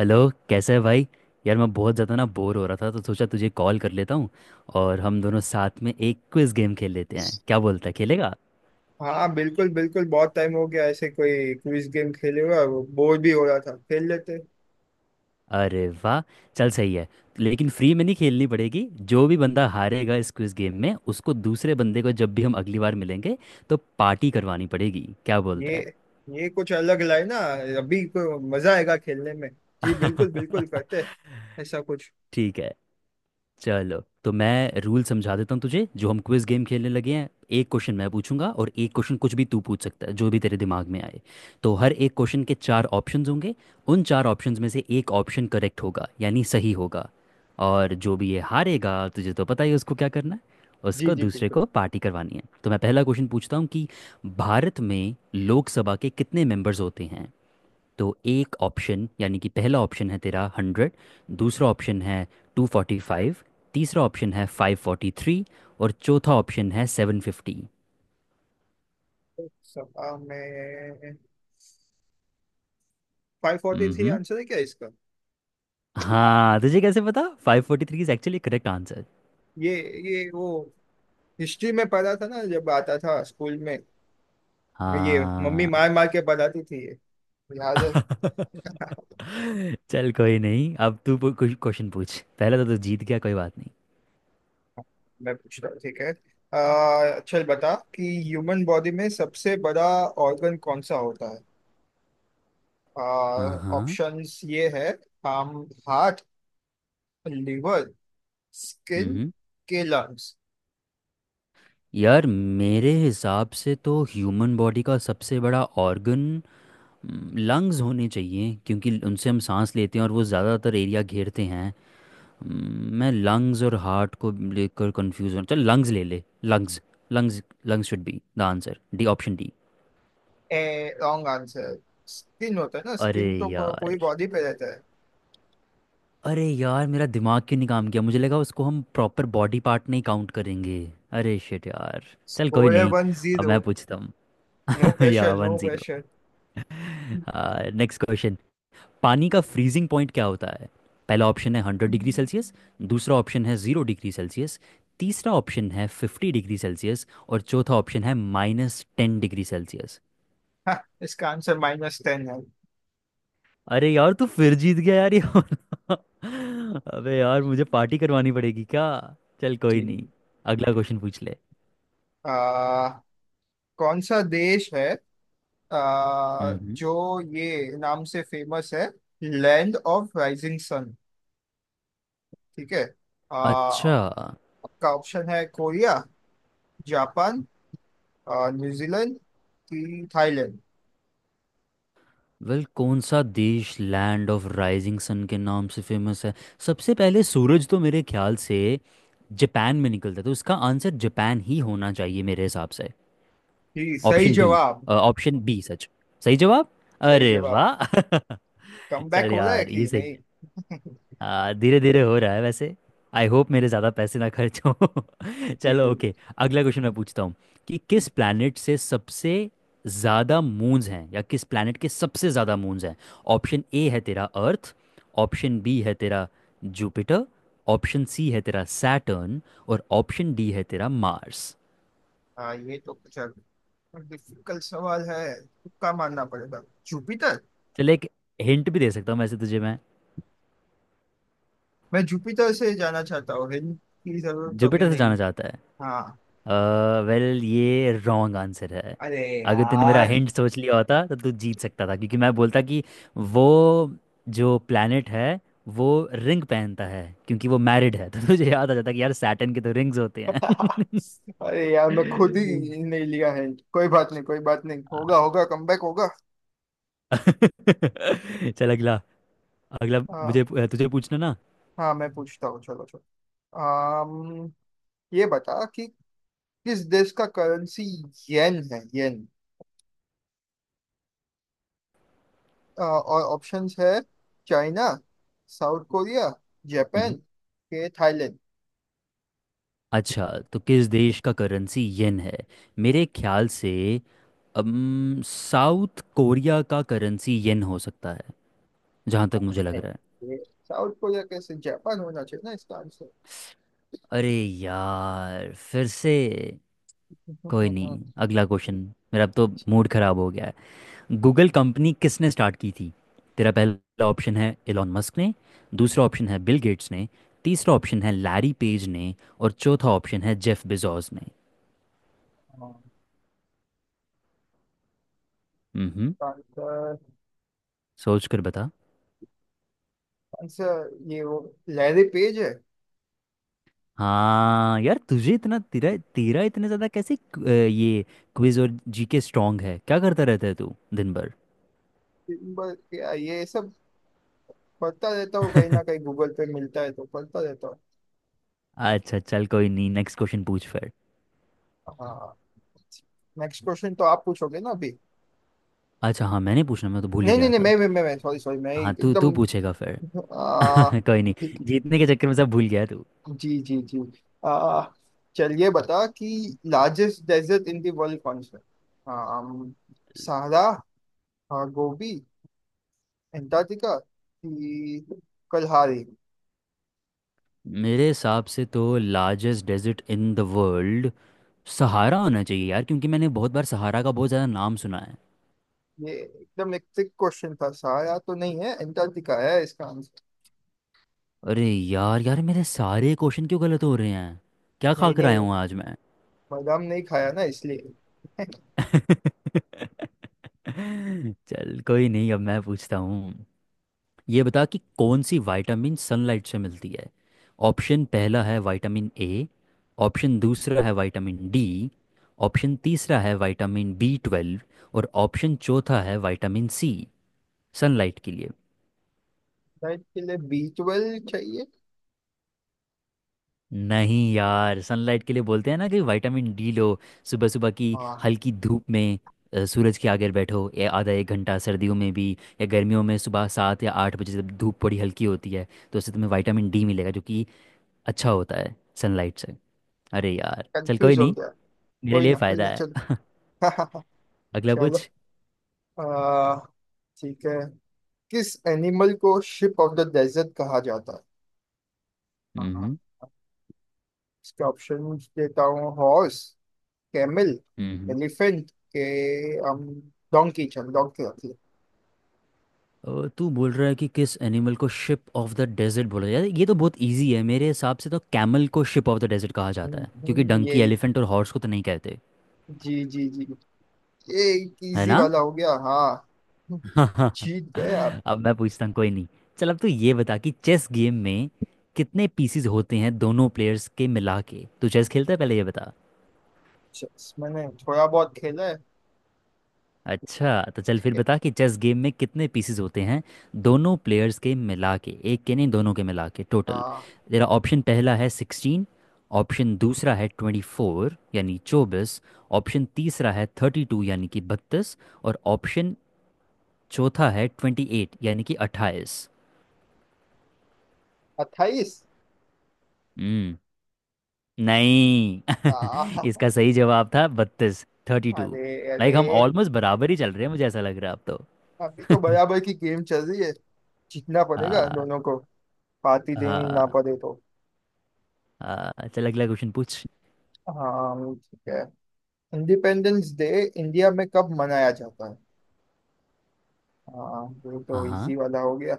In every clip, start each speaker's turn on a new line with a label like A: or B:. A: Hello. कैसा है भाई? यार, मैं बहुत ज़्यादा ना बोर हो रहा था तो सोचा तुझे कॉल कर लेता हूँ, और हम दोनों साथ में एक क्विज गेम खेल लेते हैं। क्या बोलता है, खेलेगा?
B: हाँ, बिल्कुल बिल्कुल। बहुत टाइम हो गया ऐसे कोई क्विज गेम खेले हुआ। बोर भी हो रहा था, खेल लेते।
A: अरे वाह, चल सही है। लेकिन फ्री में नहीं खेलनी पड़ेगी। जो भी बंदा हारेगा इस क्विज गेम में, उसको दूसरे बंदे को जब भी हम अगली बार मिलेंगे तो पार्टी करवानी पड़ेगी। क्या
B: ये
A: बोलता है?
B: ये कुछ अलग लाए ना, अभी को मजा आएगा खेलने में। जी बिल्कुल बिल्कुल करते। ऐसा कुछ।
A: ठीक है। चलो तो मैं रूल समझा देता हूँ तुझे, जो हम क्विज गेम खेलने लगे हैं। एक क्वेश्चन मैं पूछूंगा और एक क्वेश्चन कुछ भी तू पूछ सकता है, जो भी तेरे दिमाग में आए। तो हर एक क्वेश्चन के चार ऑप्शंस होंगे। उन चार ऑप्शंस में से एक ऑप्शन करेक्ट होगा, यानी सही होगा। और जो भी ये हारेगा, तुझे तो पता ही है उसको क्या करना है।
B: जी
A: उसको
B: जी
A: दूसरे
B: बिल्कुल।
A: को पार्टी करवानी है। तो मैं पहला क्वेश्चन पूछता हूँ कि भारत में लोकसभा के कितने मेंबर्स होते हैं। तो एक ऑप्शन, यानी कि पहला ऑप्शन है तेरा 100। दूसरा ऑप्शन है 245। तीसरा ऑप्शन है 543। और चौथा ऑप्शन है 750।
B: सपा में 543
A: हम्म।
B: आंसर है क्या इसका?
A: हाँ, तुझे कैसे पता 543 इज एक्चुअली करेक्ट आंसर?
B: ये ये वो हिस्ट्री में पढ़ा था ना, जब आता था स्कूल में। ये मम्मी
A: हाँ।
B: मार मार के पढ़ाती थी, ये याद है।
A: चल, कोई नहीं। अब तू कुछ क्वेश्चन पूछ। पहले तो तू जीत गया, कोई बात नहीं।
B: मैं पूछता हूँ, ठीक है। चल बता कि ह्यूमन बॉडी में सबसे बड़ा ऑर्गन कौन सा होता है?
A: हाँ हाँ।
B: ऑप्शंस ये है। हम हार्ट, लिवर, स्किन
A: हम्म
B: के लंग्स।
A: यार, मेरे हिसाब से तो ह्यूमन बॉडी का सबसे बड़ा ऑर्गन लंग्स होने चाहिए, क्योंकि उनसे हम सांस लेते हैं और वो ज़्यादातर एरिया घेरते हैं। मैं लंग्स और हार्ट को लेकर कंफ्यूज हूँ। चल लंग्स ले ले, lungs. Lungs, lungs should be the answer. D, option D.
B: A, wrong answer. Skin होता है ना,
A: अरे
B: स्किन तो पूरी
A: यार,
B: बॉडी पे रहता है।
A: अरे यार, मेरा दिमाग क्यों नहीं काम किया? मुझे लगा उसको हम प्रॉपर बॉडी पार्ट नहीं काउंट करेंगे। अरे शिट यार। चल कोई
B: स्कोर है
A: नहीं,
B: वन
A: अब
B: जीरो
A: मैं पूछता हूँ।
B: नो
A: या
B: pressure, no
A: 1-0।
B: Pressure.
A: Next question. पानी का फ्रीजिंग पॉइंट क्या होता है? पहला ऑप्शन है 100 डिग्री सेल्सियस। दूसरा ऑप्शन है 0 डिग्री सेल्सियस। तीसरा ऑप्शन है 50 डिग्री सेल्सियस। और चौथा ऑप्शन है -10 डिग्री सेल्सियस।
B: इसका आंसर -10 है।
A: अरे यार, तू फिर जीत गया, यार ये वाला। अबे यार, मुझे पार्टी करवानी पड़ेगी क्या? चल
B: जी।
A: कोई नहीं, अगला क्वेश्चन पूछ ले।
B: अह, कौन सा देश है आ,
A: हम्म।
B: जो ये नाम से फेमस है, लैंड ऑफ राइजिंग सन। ठीक है।
A: अच्छा।
B: आपका ऑप्शन है कोरिया, जापान, न्यूजीलैंड कि थाईलैंड।
A: वेल, कौन सा देश लैंड ऑफ राइजिंग सन के नाम से फेमस है? सबसे पहले सूरज तो मेरे ख्याल से जापान में निकलता है, तो इसका आंसर जापान ही होना चाहिए मेरे हिसाब से।
B: जी, सही
A: ऑप्शन डी।
B: जवाब।
A: Option B. सच, सही जवाब।
B: सही
A: अरे
B: जवाब।
A: वाह।
B: कम बैक
A: चल
B: हो रहा है
A: यार, ये
B: कि
A: सही
B: नहीं?
A: है। धीरे धीरे हो रहा है वैसे। आई होप मेरे ज़्यादा पैसे ना खर्च हो।
B: जी
A: चलो
B: बिल्कुल।
A: ओके। अगला क्वेश्चन मैं पूछता हूँ, कि किस प्लैनेट से सबसे ज़्यादा मून्स हैं, या किस प्लैनेट के सबसे ज़्यादा मून्स हैं। ऑप्शन ए है तेरा अर्थ। ऑप्शन बी है तेरा जुपिटर। ऑप्शन सी है तेरा सैटर्न। और ऑप्शन डी है तेरा मार्स।
B: हाँ, ये तो कुछ डिफिकल्ट सवाल है, तुक्का मारना पड़ेगा। जुपिटर।
A: चल एक हिंट भी दे सकता हूँ वैसे तुझे मैं।
B: मैं जुपिटर से जाना चाहता हूँ, हिंट की जरूरत तो अभी
A: जुपिटर से
B: नहीं।
A: जाना चाहता?
B: हाँ।
A: वेल, ये रॉन्ग आंसर है।
B: अरे
A: अगर तूने मेरा
B: यार।
A: हिंट सोच लिया होता तो तू जीत सकता था, क्योंकि मैं बोलता कि वो जो प्लैनेट है वो रिंग पहनता है क्योंकि वो मैरिड है, तो तुझे याद आ जाता कि यार सैटर्न के तो रिंग्स होते हैं।
B: अरे यार, मैं खुद ही नहीं लिया हिंट, कोई बात नहीं, कोई बात नहीं, होगा होगा कमबैक होगा।
A: चल अगला। अगला
B: हाँ
A: मुझे तुझे पूछना ना।
B: हाँ, मैं पूछता हूँ, चलो चलो। आम, ये बता कि किस देश का करेंसी येन है, येन। और ऑप्शंस है चाइना, साउथ कोरिया, जापान
A: हम्म।
B: के थाईलैंड।
A: अच्छा, तो किस देश का करेंसी येन है? मेरे ख्याल से, साउथ कोरिया का करेंसी येन हो सकता, जहाँ तक मुझे लग रहा है।
B: ये- साउथ कोरिया कैसे? जापान होना चाहिए ना इसका आंसर
A: अरे यार, फिर से। कोई
B: इसका
A: नहीं, अगला क्वेश्चन मेरा। अब तो मूड खराब हो गया है। गूगल कंपनी किसने स्टार्ट की थी? तेरा पहला ऑप्शन है एलॉन मस्क ने। दूसरा ऑप्शन है बिल गेट्स ने। तीसरा ऑप्शन है लैरी पेज ने। और चौथा ऑप्शन है जेफ बेजोस ने। हम्म,
B: आंसर
A: सोच कर बता।
B: आंसर ये वो लैरी पेज है।
A: हाँ यार, तुझे इतना तेरा तेरा इतने ज़्यादा कैसे ये क्विज और जीके स्ट्रांग है? क्या करता रहता है तू दिन भर?
B: किम्बर क्या ये सब, पढ़ता रहता हूँ, कहीं ना कहीं गूगल पे मिलता है तो पढ़ता रहता हूँ।
A: अच्छा चल कोई नहीं, नेक्स्ट क्वेश्चन पूछ फिर।
B: हाँ, नेक्स्ट क्वेश्चन तो आप पूछोगे ना अभी?
A: अच्छा हाँ, मैंने पूछना, मैं तो भूल ही
B: नहीं नहीं
A: गया
B: नहीं,
A: था।
B: मैं सॉरी सॉरी, मैं sorry,
A: हाँ,
B: sorry,
A: तू
B: मैं
A: तू पूछेगा फिर।
B: एकदम
A: कोई नहीं,
B: ठीक।
A: जीतने के चक्कर में सब भूल गया तू।
B: जी जी जी। आ, चलिए बता कि largest desert in the world कौन सा है? आम, सहारा, गोबी, एंटार्क्टिका कि कलहारी।
A: मेरे हिसाब से तो largest desert in the world Sahara होना चाहिए यार, क्योंकि मैंने बहुत बार सहारा का बहुत ज़्यादा नाम सुना है।
B: ये एकदम एक ट्रिक क्वेश्चन था, सहारा तो नहीं है, एंटार्क्टिका है इसका आंसर।
A: अरे यार, यार मेरे सारे क्वेश्चन क्यों गलत हो रहे हैं? क्या खा
B: नहीं
A: कर
B: नहीं,
A: आया हूँ आज मैं?
B: बादाम नहीं खाया ना इसलिए।
A: चल कोई नहीं, अब मैं पूछता हूँ। ये बता कि कौन सी विटामिन सनलाइट से मिलती है। ऑप्शन पहला है विटामिन ए। ऑप्शन दूसरा है विटामिन डी। ऑप्शन तीसरा है विटामिन बी 12। और ऑप्शन चौथा है विटामिन सी। सनलाइट के लिए।
B: नाइट के लिए बीटवेल चाहिए।
A: नहीं यार, सनलाइट के लिए बोलते हैं ना कि विटामिन डी लो। सुबह सुबह की
B: हाँ,
A: हल्की धूप में, सूरज के आगे बैठो, या आधा 1 घंटा सर्दियों में भी, या गर्मियों में सुबह 7 या 8 बजे जब धूप बड़ी हल्की होती है, तो उससे तुम्हें विटामिन डी मिलेगा, जो कि अच्छा होता है, सनलाइट से। अरे यार चल कोई
B: कंफ्यूज हो
A: नहीं,
B: गया।
A: मेरे
B: कोई
A: लिए
B: ना, कोई ना,
A: फायदा
B: चलो।
A: है। अगला
B: चलो।
A: पूछ।
B: आ, ठीक है, किस एनिमल को शिप ऑफ द डेजर्ट कहा जाता है? हाँ,
A: हम्म।
B: इसके ऑप्शन देता हूँ। हॉर्स, कैमल,
A: हम्म।
B: एलिफेंट के हम डोंकी। चल डोंकी रख ले।
A: तू बोल रहा है कि किस एनिमल को शिप ऑफ द डेजर्ट बोला जाता है? ये तो बहुत इजी है, मेरे हिसाब से तो कैमल को शिप ऑफ द डेजर्ट कहा जाता है, क्योंकि
B: ये
A: डंकी, एलिफेंट और हॉर्स को तो नहीं कहते।
B: जी जी जी। ये
A: है
B: इजी
A: ना?
B: वाला हो गया हाँ। जीत गए आप।
A: अब मैं पूछता हूँ, कोई नहीं। चल, अब तू ये बता कि चेस गेम में कितने पीसीज होते हैं, दोनों प्लेयर्स के मिला के। तू चेस खेलता है? पहले ये बता।
B: मैंने थोड़ा बहुत खेला है।
A: अच्छा, तो चल
B: ठीक
A: फिर
B: है।
A: बता कि चेस गेम में कितने पीसेस होते हैं, दोनों प्लेयर्स के मिला के। एक के नहीं, दोनों के मिला के टोटल।
B: हाँ,
A: तेरा ऑप्शन पहला है 16। ऑप्शन दूसरा है 24, यानी 24। ऑप्शन तीसरा है 32, यानी कि 32। और ऑप्शन चौथा है 28, यानी कि 28।
B: 28।
A: हम्म। नहीं। इसका सही जवाब था 32, थर्टी टू।
B: अरे,
A: लाइक
B: अरे।
A: हम ऑलमोस्ट बराबर ही चल रहे हैं, मुझे ऐसा लग रहा है अब तो।
B: अभी तो बराबर की गेम चल रही है, जीतना पड़ेगा
A: हाँ।
B: दोनों को, पार्टी देनी
A: हाँ
B: ना पड़े तो।
A: हाँ, चल अगला क्वेश्चन पूछ।
B: हाँ, ठीक है। इंडिपेंडेंस डे इंडिया में कब मनाया जाता है? हाँ, ये
A: हाँ
B: तो
A: हाँ
B: इजी वाला हो गया।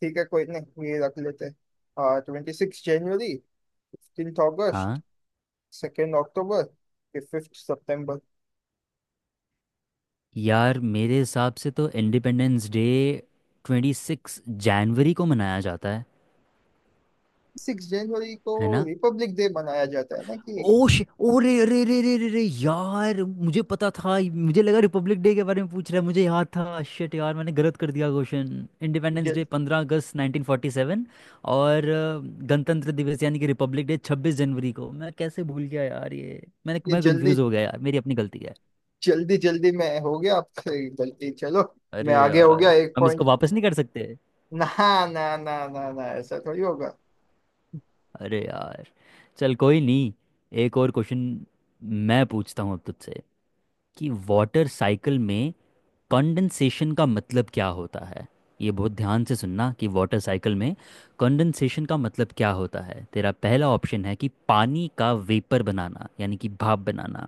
B: ठीक है, कोई नहीं, ये रख लेते हैं। 26 जनवरी, 15 अगस्त,
A: हाँ,
B: 2 अक्टूबर, 5 सितंबर।
A: यार मेरे हिसाब से तो इंडिपेंडेंस डे 26 जनवरी को मनाया जाता है।
B: 6 जनवरी को
A: है ना?
B: रिपब्लिक डे मनाया जाता है ना कि।
A: ओ शे ओ रे रे रे रे रे रे यार, मुझे पता था, मुझे लगा रिपब्लिक डे के बारे में पूछ रहा है। मुझे याद था, शिट यार, मैंने गलत कर दिया क्वेश्चन। इंडिपेंडेंस
B: जल,
A: डे 15 अगस्त 1947, और गणतंत्र दिवस, यानी कि रिपब्लिक डे 26 जनवरी को। मैं कैसे भूल गया यार ये? मैंने
B: ये
A: मैं
B: जल्दी
A: कंफ्यूज हो गया यार, मेरी अपनी गलती है।
B: जल्दी जल्दी में हो गया आपसे गलती, चलो। मैं
A: अरे
B: आगे हो गया
A: यार,
B: एक
A: हम इसको
B: पॉइंट,
A: वापस नहीं कर सकते?
B: ना। ना ना ना ना, ऐसा थोड़ी होगा।
A: अरे यार, चल कोई नहीं। एक और क्वेश्चन मैं पूछता हूँ अब तुझसे, कि वाटर साइकिल में कंडेंसेशन का मतलब क्या होता है? ये बहुत ध्यान से सुनना, कि वाटर साइकिल में कंडेंसेशन का मतलब क्या होता है। तेरा पहला ऑप्शन है कि पानी का वेपर बनाना, यानी कि भाप बनाना।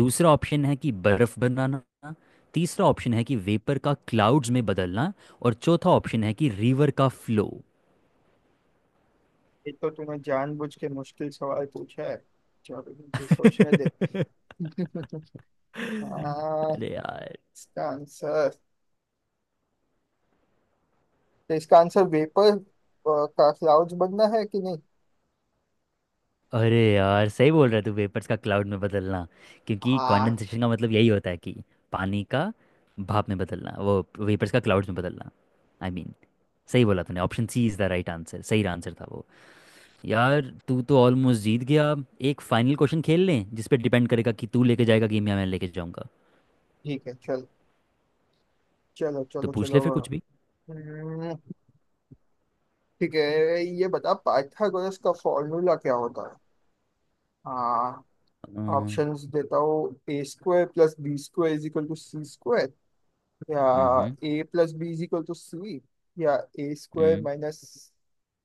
A: दूसरा ऑप्शन है कि बर्फ बनाना। तीसरा ऑप्शन है कि वेपर का क्लाउड्स में बदलना। और चौथा ऑप्शन है कि रिवर का फ्लो।
B: ये तो तूने जानबूझ के मुश्किल सवाल पूछा है। चलो मुझे सोचने दे।
A: अरे
B: हाँ,
A: यार।
B: इसका आंसर, तो इसका आंसर वेपर का क्लाउड बनना है कि नहीं?
A: अरे यार, सही बोल रहा है तू, वेपर्स का क्लाउड में बदलना। क्योंकि
B: हाँ,
A: कंडेंसेशन का मतलब यही होता है कि पानी का भाप में बदलना, वो वेपर्स का क्लाउड्स में बदलना। आई I मीन mean, सही बोला तूने, option C is the right answer, सही आंसर था वो। यार तू तो ऑलमोस्ट जीत गया। एक फाइनल क्वेश्चन खेल लें, जिस पे डिपेंड करेगा कि तू लेके जाएगा गेम या मैं लेके जाऊंगा।
B: ठीक है, चलो चलो
A: तो
B: चलो
A: पूछ ले
B: चलो।
A: फिर
B: हाँ।
A: कुछ भी।
B: हम्म, ठीक है, ये बता पाइथागोरस का फॉर्मूला क्या होता है? हाँ।
A: हम्म।
B: ऑप्शंस देता हूँ। A square plus B square is equal to C square, या A plus B is equal to C, या A square
A: hmm.
B: Minus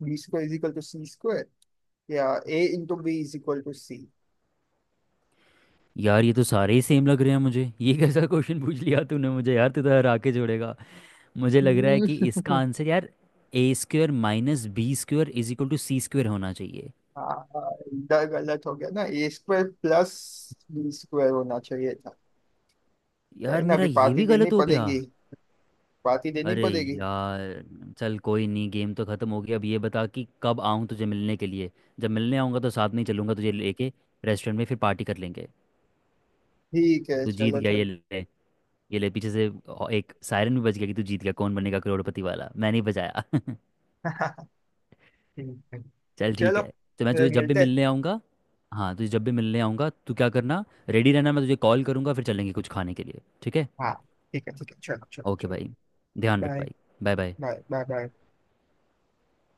B: B square is equal to C square, या A into B is equal to C.
A: यार, ये तो सारे ही same लग रहे हैं मुझे, ये कैसा क्वेश्चन पूछ लिया तूने मुझे यार, तू तो हरा के जोड़ेगा। मुझे लग रहा है कि इसका आंसर यार A square minus B square is equal to C square होना चाहिए।
B: हाँ, इधर गलत हो गया ना, A square plus B square होना चाहिए था। कहीं
A: यार,
B: ना
A: मेरा
B: अभी
A: ये
B: पार्टी
A: भी
B: देनी
A: गलत हो गया।
B: पड़ेगी, पार्टी देनी
A: अरे
B: पड़ेगी।
A: यार, चल कोई नहीं, गेम तो ख़त्म हो गया। अब ये बता कि कब आऊँ तुझे मिलने के लिए। जब मिलने आऊँगा तो साथ में ही चलूँगा तुझे लेके, रेस्टोरेंट में, फिर पार्टी कर लेंगे।
B: ठीक है,
A: तू जीत
B: चलो
A: गया, ये
B: चलो।
A: ले, ये ले पीछे से एक सायरन भी बज गया कि तू जीत गया, कौन बनेगा करोड़पति वाला, मैंने ही बजाया।
B: ठीक है,
A: चल ठीक
B: चलो
A: है। तो मैं
B: फिर
A: तुझे जब भी
B: मिलते हैं।
A: मिलने आऊँगा। हाँ, तुझे जब भी मिलने आऊँगा तू क्या करना, रेडी रहना, मैं तुझे कॉल करूँगा, फिर चलेंगे कुछ खाने के लिए, ठीक है?
B: हाँ, ठीक है ठीक है, चलो चलो
A: ओके
B: चलो।
A: भाई, ध्यान रख
B: बाय
A: भाई। Bye bye.
B: Bye bye bye.